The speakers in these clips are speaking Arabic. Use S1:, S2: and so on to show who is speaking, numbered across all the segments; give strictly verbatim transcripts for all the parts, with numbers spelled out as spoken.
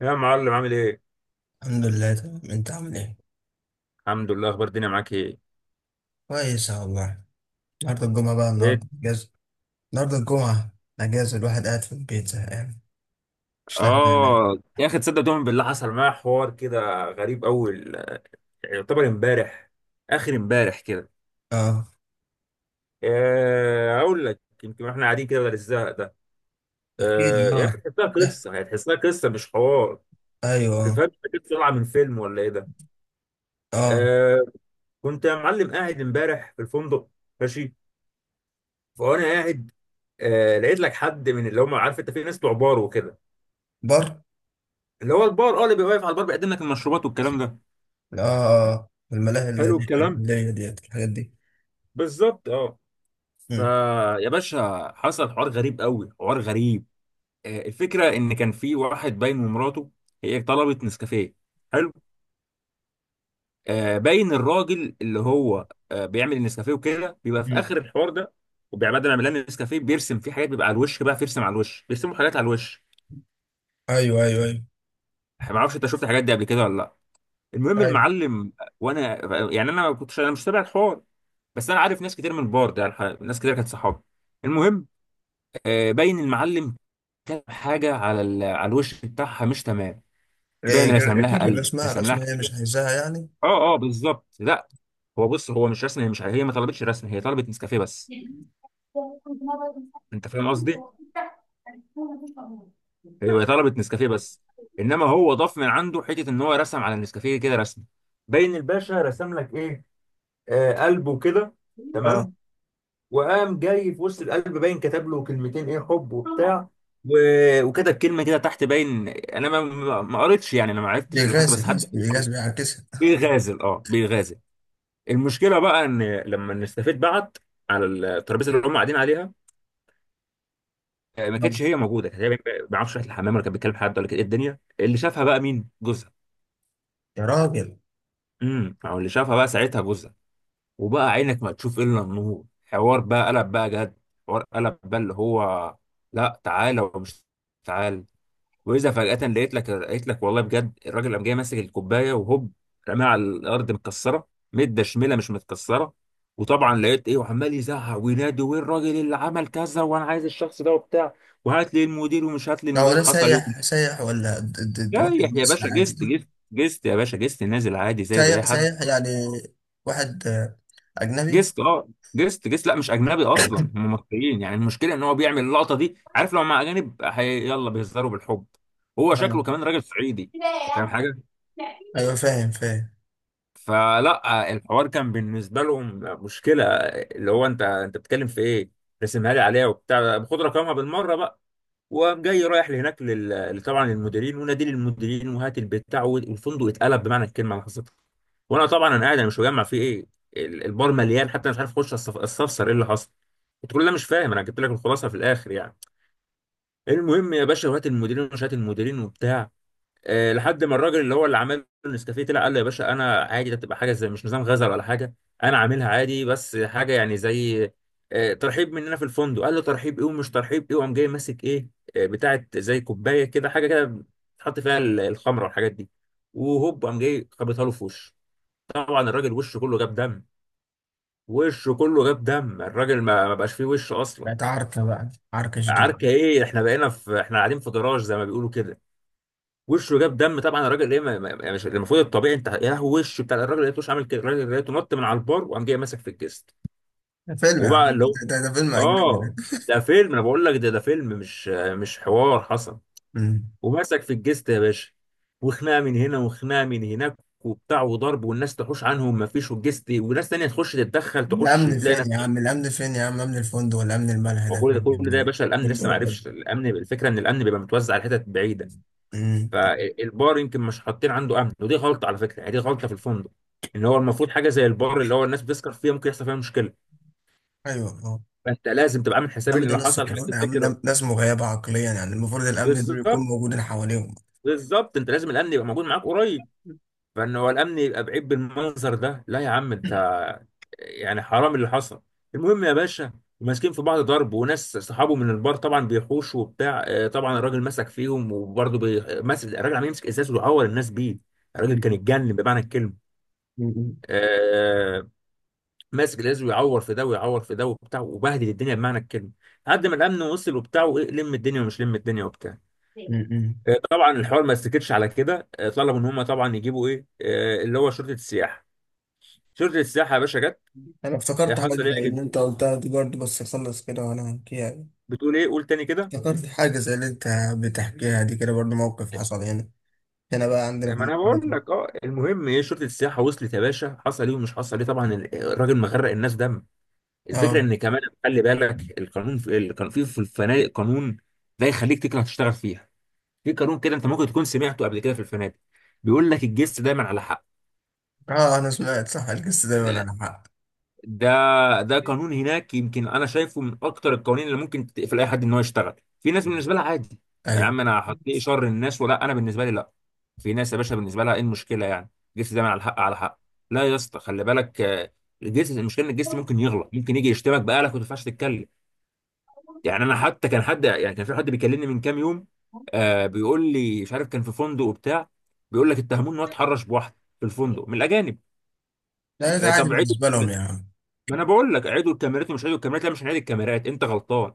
S1: يا معلم عامل ايه؟
S2: الحمد لله، تمام. انت عامل ايه؟
S1: الحمد لله. اخبار الدنيا معاك ايه؟
S2: كويس يا والله. النهارده الجمعة بقى،
S1: ايه.
S2: النهارده اجازة. النهارده الجمعة اجازة، الواحد قاعد في البيت زهقان، مش لاحق يعمل.
S1: اه، يا اخي تصدق تؤمن بالله حصل معايا حوار كده غريب، اول يعتبر امبارح، اخر امبارح كده.
S2: اه.
S1: آه، اقول لك يمكن احنا قاعدين كده بدل الزهق ده.
S2: احكي
S1: آه،
S2: لي.
S1: يا اخي
S2: اه.
S1: تحسها
S2: اه،
S1: قصه، يعني تحسها قصه مش حوار. ما
S2: ايوه،
S1: تفهمش كده طالعه من فيلم ولا ايه ده؟
S2: اه.
S1: آه، كنت يا معلم قاعد امبارح في الفندق، ماشي، فانا قاعد. آه، لقيت لك حد من اللي هم، عارف انت في ناس بتوع بار وكده،
S2: بر.
S1: اللي هو البار، اه، اللي بيبقى واقف على البار بيقدم لك المشروبات والكلام ده.
S2: اه. اه، الملاهي اللي
S1: حلو الكلام،
S2: اللي هي ديت، الحاجات دي.
S1: بالظبط اه.
S2: مم.
S1: فيا باشا حصل حوار غريب قوي، حوار غريب. آه الفكره ان كان في واحد باين ومراته، هي طلبت نسكافيه. حلو. آه باين الراجل اللي هو آه بيعمل النسكافيه وكده، بيبقى في
S2: مم.
S1: اخر الحوار ده، وبيبقى بدل ما يعمل لنا النسكافيه بيرسم فيه حاجات، بيبقى على الوش بقى، بيرسم على الوش، بيرسموا حاجات على الوش.
S2: ايوه، ايوه، ايوه.
S1: ما اعرفش انت شفت الحاجات دي قبل كده ولا لا. المهم
S2: ايوه،
S1: المعلم، وانا يعني انا ما كنتش، انا مش تابع الحوار، بس انا عارف ناس كتير من البار ده، يعني ناس كتير كانت صحابي. المهم، آه، باين المعلم كتب حاجه على ال... على الوش بتاعها مش تمام.
S2: ايه
S1: باين رسم
S2: غير غير
S1: لها قلب،
S2: الرسمة.
S1: رسم لها
S2: الرسمة هي مش
S1: حاجة.
S2: عايزاها يعني.
S1: اه اه بالظبط، لا، هو بص، هو مش رسم، هي مش، هي ما طلبتش رسم، هي طلبت نسكافيه بس. انت فاهم قصدي؟ ايوه، هي طلبت نسكافيه بس، انما هو ضاف من عنده حته ان هو رسم على النسكافيه كده رسم. باين الباشا رسم لك ايه؟ آه قلبه كده، تمام. وقام جاي في وسط القلب باين كتب له كلمتين، ايه، حب
S2: اه.
S1: وبتاع و... وكتب كلمه كده تحت، باين انا ما ما ما قريتش، يعني انا ما عرفتش اللي حصل،
S2: بيغاز
S1: بس حد
S2: بيغاز بيعكسها.
S1: بيغازل اه بيغازل. المشكله بقى ان لما الاستافيت بعت على الترابيزه اللي هم قاعدين عليها، آه، ما
S2: نعم.
S1: كانتش هي موجوده، كانت هي ما بيعرفش راحت الحمام ولا كانت بتكلم حد ولا كانت ايه الدنيا، اللي شافها بقى مين؟ جوزها.
S2: يا راجل،
S1: امم او اللي شافها بقى ساعتها جوزها، وبقى عينك ما تشوف الا النور، حوار بقى قلب بقى جد، حوار قلب بقى اللي هو، لا، تعالى ومش تعالى. واذا فجاه لقيت لك لقيت لك والله بجد، الراجل قام جاي ماسك الكوبايه وهوب، رماها على الارض، متكسره مده شميله مش متكسره. وطبعا لقيت ايه، وعمال يزعق وينادي وين الراجل اللي عمل كذا، وانا عايز الشخص ده وبتاع، وهات لي المدير، ومش هات لي
S2: ده هو
S1: المدير،
S2: ده
S1: حصل
S2: سايح؟
S1: ايه.
S2: سايح ولا د- د- د- واحد
S1: رايح يا
S2: مصري
S1: باشا،
S2: عادي؟
S1: جست جست جست يا باشا، جست نازل عادي زيه زي اي
S2: سايح
S1: حد.
S2: سايح يعني؟ واحد آه، أجنبي؟
S1: جست اه، جست جست، لا مش اجنبي اصلا، هم مصريين، يعني المشكله ان هو بيعمل اللقطه دي، عارف، لو مع اجانب هي- يلا بيهزروا بالحب، هو
S2: آه.
S1: شكله كمان راجل صعيدي. أنت فاهم حاجه؟
S2: أيوة، فاهم فاهم.
S1: فلا الحوار كان بالنسبه لهم مشكله، اللي هو انت انت بتتكلم في ايه، رسمها لي عليها وبتاع، خد رقمها بالمره بقى. وقام جاي رايح لهناك لل... طبعا للمديرين، ونادي للمديرين وهات البتاع، والفندق اتقلب بمعنى الكلمه اللي حصلت. وانا طبعا انا قاعد، انا مش مجمع فيه ايه، ال- البار مليان، حتى أنا مش عارف اخش أستف- استفسر ايه اللي حصل. قلت له لا مش فاهم، انا جبت لك الخلاصه في الاخر يعني. المهم يا باشا، وهات المديرين ومش هات المديرين وبتاع، آه، لحد ما الراجل اللي هو اللي عمل النسكافيه طلع قال له يا باشا انا عادي، ده بتبقى حاجه زي، مش نظام غزل ولا حاجه، انا عاملها عادي، بس حاجه يعني زي آه، ترحيب مننا في الفندق. قال له ترحيب ايه ومش ترحيب ايه، وقام جاي ماسك ايه آه، بتاعت زي كوبايه كده حاجه كده تحط فيها ال- الخمره والحاجات دي، وهوب قام جاي خبطها له في وشه. طبعا الراجل وشه كله جاب دم، وشه كله جاب دم، الراجل ما ما بقاش فيه وش اصلا.
S2: بقت عركة، بقى عركة شديدة.
S1: عركه ايه، احنا بقينا في احنا قاعدين في جراج زي ما بيقولوا كده، وشه جاب دم، طبعا الراجل ايه، ما- ما- يعني مش المفروض الطبيعي انت يا هو، وشه بتاع الراجل لقيتوش عامل كده، الراجل لقيته نط من على البار وقام جاي ماسك في الجست،
S2: ده فيلم يا
S1: وبقى
S2: عم،
S1: اللي
S2: ده,
S1: هو،
S2: ده, ده فيلم أجنبي ده.
S1: اه، ده فيلم انا بقول لك، ده ده فيلم، مش مش حوار حصل.
S2: أمم.
S1: وماسك في الجست يا باشا، وخناقه من هنا وخناقه من هناك وبتاع وضرب، والناس تحوش عنهم ما فيش، والجست، وناس تانية تخش تتدخل، تخش
S2: الأمن
S1: تلاقي
S2: فين
S1: ناس.
S2: يا عم؟ الأمن فين يا عم؟ أمن الفندق ولا أمن الملهى ده
S1: وكل ده
S2: فين يا
S1: كل
S2: ابن
S1: ده يا
S2: الولد؟
S1: باشا الامن لسه ما
S2: بالجرد.
S1: عرفش. الامن، الفكره ان الامن بيبقى متوزع على حتت بعيده،
S2: أمم.
S1: فالبار يمكن مش حاطين عنده امن، ودي غلطه على فكره، يعني دي غلطه في الفندق، ان هو المفروض حاجه زي البار، اللي هو الناس بتسكر فيها، ممكن يحصل فيها مشكله،
S2: أيوة،
S1: فانت لازم تبقى عامل
S2: يا
S1: حساب ان
S2: عم ده
S1: لو
S2: ناس
S1: حصل حاجه
S2: سكران، يا عم
S1: تفتكر.
S2: ده ناس مغيبة عقليا. يعني المفروض الأمن ده يكون
S1: بالظبط،
S2: موجود حواليهم.
S1: بالظبط، انت لازم الامن يبقى موجود معاك قريب، فان هو الامن يبقى بعيد بالمنظر ده، لا يا عم انت، يعني حرام اللي حصل. المهم يا باشا، ماسكين في بعض ضرب، وناس صحابه من البار طبعا بيحوشوا وبتاع، آه، طبعا الراجل مسك فيهم، وبرضه بي... ماسك الراجل عمال يمسك ازاز ويعور الناس بيه. الراجل كان
S2: م-
S1: اتجنن بمعنى الكلمه،
S2: م-
S1: آه، ماسك الازاز ويعور في ده ويعور في ده وبتاع، وبهدل الدنيا بمعنى الكلمه، لحد ما الامن وصل وبتاع، وايه، لم الدنيا ومش لم الدنيا وبتاع.
S2: م-
S1: آه، طبعا الحوار ما استكتش على كده، آه، طلبوا ان هم طبعا يجيبوا ايه، آه، اللي هو شرطه السياحه. شرطه السياحه يا باشا جت،
S2: أنا
S1: آه،
S2: افتكرت حاجة
S1: حصل ايه يا
S2: زي اللي
S1: جد-
S2: أنت قلتها دي برضه، بس أخلص كده وأنا هحكيها.
S1: بتقول ايه قول تاني كده.
S2: افتكرت حاجة زي اللي أنت بتحكيها دي كده برضه، موقف حصل هنا. هنا بقى عندنا
S1: آه،
S2: في
S1: ما انا بقول
S2: منطقتنا.
S1: لك، اه المهم ايه، شرطه السياحه وصلت يا باشا، حصل ايه ومش حصل ايه، طبعا ال- الراجل مغرق الناس دم. الفكره
S2: أه.
S1: ان كمان خلي بالك، القانون في كان في في الفنادق قانون لا يخليك، تكره تشتغل فيها. في قانون كده انت ممكن تكون سمعته قبل كده في الفنادق، بيقول لك الجست دايما على حق.
S2: أه، أنا سمعت. صح، القصة دايما على حق.
S1: ده ده قانون هناك، يمكن انا شايفه من اكتر القوانين اللي ممكن تقفل اي حد ان هو يشتغل. في ناس بالنسبه لها عادي، يا
S2: أيوه.
S1: عم انا هتلاقي شر الناس ولا، انا بالنسبه لي لا. في ناس يا باشا بالنسبه لها ايه المشكله يعني، الجست دايما على الحق، على حق. لا يا اسطى خلي بالك، آه، الجست، المشكله ان الجست ممكن يغلط، ممكن يجي يشتمك بقالك وما تنفعش تتكلم. يعني انا حتى، كان حد يعني كان في حد بيكلمني من كام يوم، آه بيقول لي مش عارف، كان في فندق وبتاع، بيقول لك اتهموه ان هو اتحرش بواحده في الفندق من الاجانب.
S2: لا، ده
S1: آه
S2: عادي
S1: طب عيدوا
S2: بالنسبة لهم
S1: الكاميرات.
S2: يعني.
S1: ما انا بقول لك، عيدوا الكاميرات ومش عيدوا الكاميرات، لا مش هنعيد الكاميرات، انت غلطان،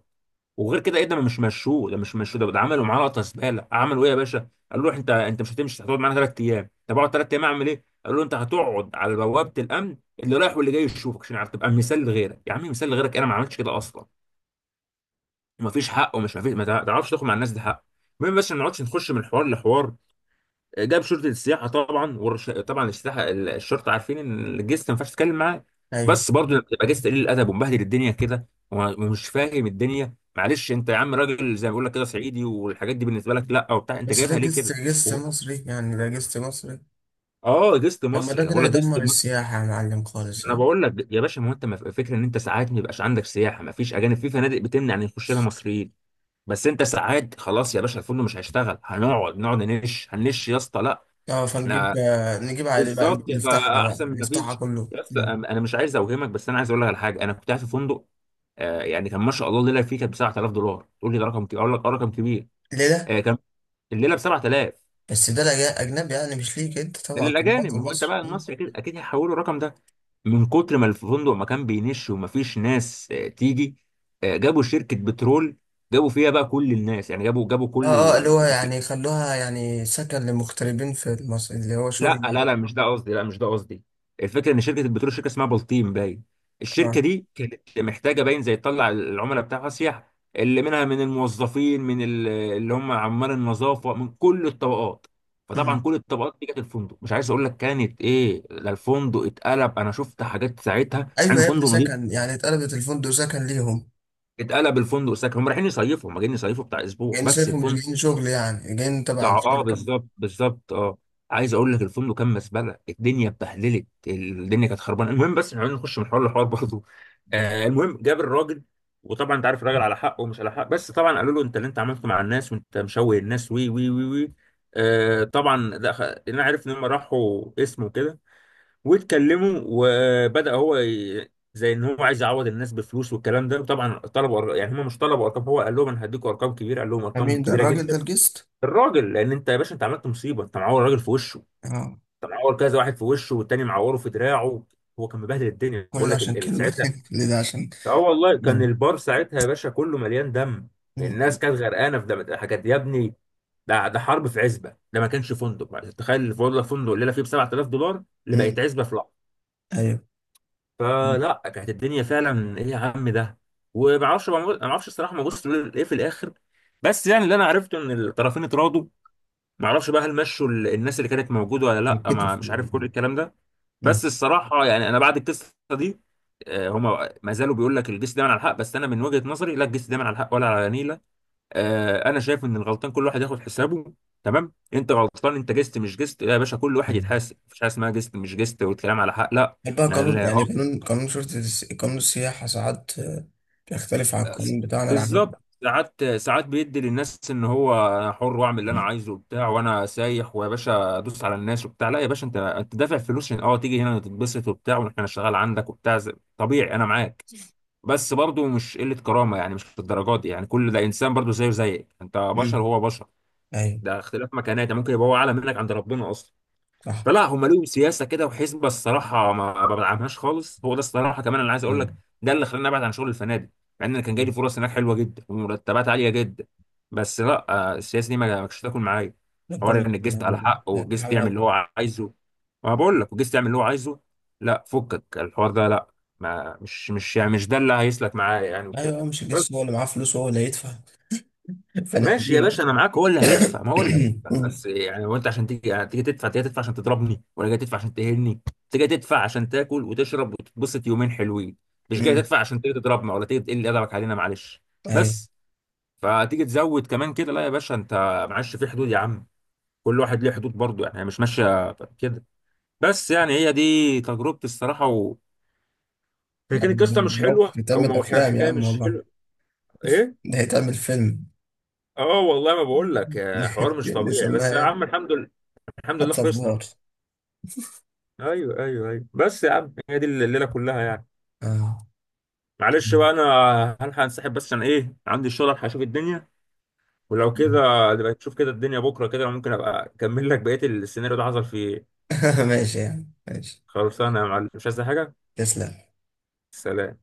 S1: وغير كده ايه، ده ما مش مشوه، ده مش مشوه، ده, ده عملوا معاه لقطه زباله. عملوا ايه يا باشا، قال له انت انت مش هتمشي، هتقعد معانا ثلاث ايام. طب اقعد ثلاث ايام اعمل ايه، قال له انت هتقعد على بوابه الامن، اللي رايح واللي جاي يشوفك، عشان عارف تبقى مثال لغيرك. يا عم مثال لغيرك، انا ما عملتش كده اصلا، ومفيش حق ومش مفيش، ما تع- تعرفش تاخد مع الناس، ده حق. المهم، بس ما نقعدش نخش من حوار لحوار. جاب شرطه السياحه طبعا، والرش... طبعا السياحه، ال- الشرطه عارفين ان الجست ما ينفعش تتكلم معاه،
S2: أيوه.
S1: بس برضه تبقى جست قليل الادب ومبهدل الدنيا كده وما- ومش فاهم الدنيا، معلش انت يا عم، راجل زي ما بيقول لك كده صعيدي، والحاجات دي بالنسبه لك لا وبتاع، انت
S2: بس ده
S1: جايبها ليه
S2: جست،
S1: كده؟
S2: جست
S1: و...
S2: مصري يعني. ده جست مصري.
S1: اه جست
S2: طب ما
S1: مصري،
S2: ده
S1: أنا
S2: كده
S1: بقول لك جست
S2: يدمر
S1: مصري.
S2: السياحة يا معلم خالص
S1: انا
S2: يعني.
S1: بقول لك يا باشا، ما هو انت ما- فكره ان انت ساعات ما يبقاش عندك سياحه، ما فيش اجانب، في فنادق بتمنع ان يخش لها مصريين، بس انت ساعات خلاص يا باشا، الفندق مش هيشتغل، هنقعد نقعد ننش هننش يا اسطى، لا،
S2: اه، فنجيب،
S1: احنا،
S2: آه، نجيب عادي بقى،
S1: بالظبط،
S2: نفتحها بقى،
S1: فاحسن من ما
S2: نفتحها
S1: فيش.
S2: كله.
S1: يا اسطى
S2: مم.
S1: انا مش عايز اوهمك، بس انا عايز اقول لك على حاجه، انا كنت قاعد في فندق، آه، يعني كان ما شاء الله الليله فيه كانت ب سبعة آلاف دولار. تقول لي ده رقم كبير، اقول لك اه رقم كبير.
S2: ليه ده؟
S1: آه، كان الليله ب سبعة آلاف،
S2: بس ده لجا- أجنبي يعني، مش ليك أنت
S1: ده
S2: طبعا، في
S1: للاجانب،
S2: مواطن
S1: ما هو انت
S2: مصر.
S1: بقى
S2: مم.
S1: المصري، اكيد اكيد هيحولوا الرقم ده. من كتر ما الفندق ما كان بينش وما فيش ناس آه، تيجي، آه، جابوا شركه بترول، جابوا فيها بقى كل الناس، يعني جابوا جابوا
S2: اه اه، اللي
S1: كل،
S2: هو يعني خلوها يعني سكن للمغتربين في مصر، اللي هو
S1: لا
S2: شغل يعني.
S1: لا لا مش ده قصدي، لا مش ده قصدي. الفكره ان شركه البترول، شركه اسمها بلطيم باين، الشركه
S2: اه.
S1: دي كانت محتاجه باين زي تطلع العملاء بتاعها سياح، اللي منها من الموظفين، من ال- اللي هم عمال النظافه، من كل الطبقات. فطبعا
S2: مم.
S1: كل الطبقات دي جت الفندق، مش عايز اقول لك كانت ايه، ده الفندق اتقلب، انا شفت حاجات ساعتها
S2: أيوة
S1: عن
S2: يا ابني،
S1: فندق نظيف،
S2: سكن يعني. اتقلبت الفندق سكن ليهم.
S1: اتقلب الفندق ساكن، هم رايحين يصيفوا، هم جايين يصيفوا بتاع اسبوع
S2: يعني
S1: بس
S2: شايفه مش جايين
S1: الفندق،
S2: شغل، يعني جايين
S1: اه،
S2: تبع
S1: آه،
S2: الشركة.
S1: بالظبط بالظبط اه. عايز اقول لك، الفندق كان مزبله، الدنيا اتبهدلت، الدنيا كانت خربانه. المهم بس عايزين نخش من حوار لحوار برضه. آه المهم جاب الراجل، وطبعا انت عارف الراجل على حق ومش على حق، بس طبعا قالوا له انت اللي انت عملته مع الناس، وانت مشوه الناس، وي وي وي وي. آه طبعا ده خ- انا عارف ان هم راحوا اسمه كده، واتكلموا، وبدا هو ي... زي ان هو عايز يعوض الناس بفلوس والكلام ده، وطبعا طلبوا أر- يعني هم مش طلبوا ارقام، هو قال لهم انا هديكم ارقام كبيره، قال لهم ارقام
S2: مين ده
S1: كبيره
S2: الراجل ده؟
S1: جدا.
S2: الجست؟
S1: الراجل، لان انت يا باشا انت عملت مصيبه، انت معور راجل في وشه،
S2: اه.
S1: انت معور كذا واحد في وشه، والتاني معوره في دراعه، هو كان مبهدل الدنيا،
S2: كل
S1: بقول
S2: ده
S1: لك
S2: عشان
S1: ال- ال-
S2: كلمة
S1: ساعتها،
S2: كل ده عشان.
S1: اه والله، كان
S2: مم.
S1: البار ساعتها يا باشا كله مليان دم، الناس
S2: مم.
S1: كانت غرقانه في دم حاجات يا ابني، ده ده حرب في عزبه، ده ما كانش فندق، تخيل الفندق، فندق الليله فيه ب سبعة آلاف دولار اللي بقت
S2: مم.
S1: عزبه في لحظه.
S2: أيوة.
S1: فلا كانت الدنيا فعلا ايه يا عم ده، وما اعرفش ما اعرفش الصراحه، ما بص ايه في الاخر، بس يعني اللي انا عرفته ان الطرفين اتراضوا. معرفش بقى هل مشوا ال- الناس اللي كانت موجوده ولا لا، ما
S2: يتكتف
S1: مش عارف كل
S2: يعني.
S1: الكلام ده،
S2: مم.
S1: بس الصراحه يعني انا بعد القصه دي، آه، هما ما زالوا بيقول لك الجيش دايما على الحق، بس انا من وجهه نظري لا، الجيش دايما على الحق ولا على نيله. آه، انا شايف ان الغلطان كل واحد ياخد حسابه، تمام، انت غلطان، انت جست مش جست يا باشا، كل واحد
S2: مم.
S1: يتحاسب، مفيش حاجه اسمها جست مش جست والكلام على حق، لا.
S2: هل بقى
S1: لا
S2: قانون،
S1: لا،
S2: يعني قانون قانون شرطة الس- قانون السياحة ساعات آه، بيختلف عن القانون بتاعنا العادي؟
S1: بالظبط، ساعات، ساعات بيدي للناس ان هو انا حر واعمل اللي انا
S2: مم.
S1: عايزه وبتاع، وانا سايح ويا باشا ادوس على الناس وبتاع، لا يا باشا، انت انت دافع فلوس عشان اه تيجي هنا تتبسط وبتاع واحنا نشتغل عندك وبتاع زي- طبيعي انا معاك، بس برضه مش قله كرامه، يعني مش للدرجات دي، يعني كل ده انسان برضه زيه زيك، انت بشر
S2: مم.
S1: هو بشر،
S2: أيوه.
S1: ده اختلاف مكانات، يعني ممكن يبقى هو اعلى منك عند ربنا اصلا.
S2: صح.
S1: فلا هم ليهم سياسه كده وحسبه الصراحه ما ما بدعمهاش خالص، هو ده الصراحه، كمان انا عايز اقول
S2: مم.
S1: لك، ده اللي خلاني ابعد عن شغل الفنادق، مع ان أنا كان جاي لي فرص هناك حلوه جدا ومرتبات عاليه جدا، بس لا، آه، السياسه دي ما ما كانتش تاكل معايا.
S2: ربنا
S1: حوار ان الجست على
S2: يستر.
S1: حقه،
S2: لا ده
S1: والجست يعمل
S2: حاجة.
S1: اللي هو عايزه، ما بقول لك، والجست يعمل اللي هو عايزه، لا، فكك الحوار ده لا. ما مش مش يعني مش ده اللي هيسلك معايا يعني وكده.
S2: أيوه، مش لسه هو اللي معاه فلوس وهو اللي هيدفع؟
S1: ماشي يا
S2: فنحميه.
S1: باشا انا معاك، هو اللي هيدفع، ما هو اللي هيدفع،
S2: مم.
S1: بس يعني هو انت عشان تيجي، يعني تيجي تدفع، تيجي تدفع عشان تضربني، ولا جاي تدفع عشان تهني؟ انت جاي تدفع عشان تاكل وتشرب وتتبسط يومين حلوين، مش جاي
S2: مم.
S1: تدفع عشان تيجي تضربنا ولا تيجي تقل ادبك علينا معلش.
S2: أيوه.
S1: بس، فتيجي تزود كمان كده، لا يا باشا انت، معلش في حدود يا عم، كل واحد ليه حدود برضه، يعني هي مش ماشيه كده. بس يعني هي دي تجربتي الصراحه و... هي كانت قصه مش
S2: موقف
S1: حلوه، او
S2: يتعمل
S1: مو-
S2: أفلام يا
S1: حكايه
S2: عم
S1: مش
S2: والله.
S1: حلوه. ايه،
S2: ده هيتعمل فيلم.
S1: اه والله، ما بقول لك آه، حوار مش طبيعي، بس
S2: نسميها
S1: يا
S2: إيه؟
S1: عم الحمد لله، الحمد لله
S2: حتى في
S1: خلصنا.
S2: بار.
S1: ايوه ايوه ايوه، بس يا عم هي دي الليله كلها يعني.
S2: آه.
S1: معلش بقى انا هلحق انسحب، بس عشان ايه، عندي الشغل، هلحق اشوف الدنيا. ولو كده نبقى نشوف كده الدنيا بكره كده، ممكن ابقى اكمل لك بقيه السيناريو ده حصل فيه إيه.
S2: ماشي يعني، ماشي.
S1: خلصانه يا معلم، مش عايز حاجه.
S2: تسلم.
S1: سلام.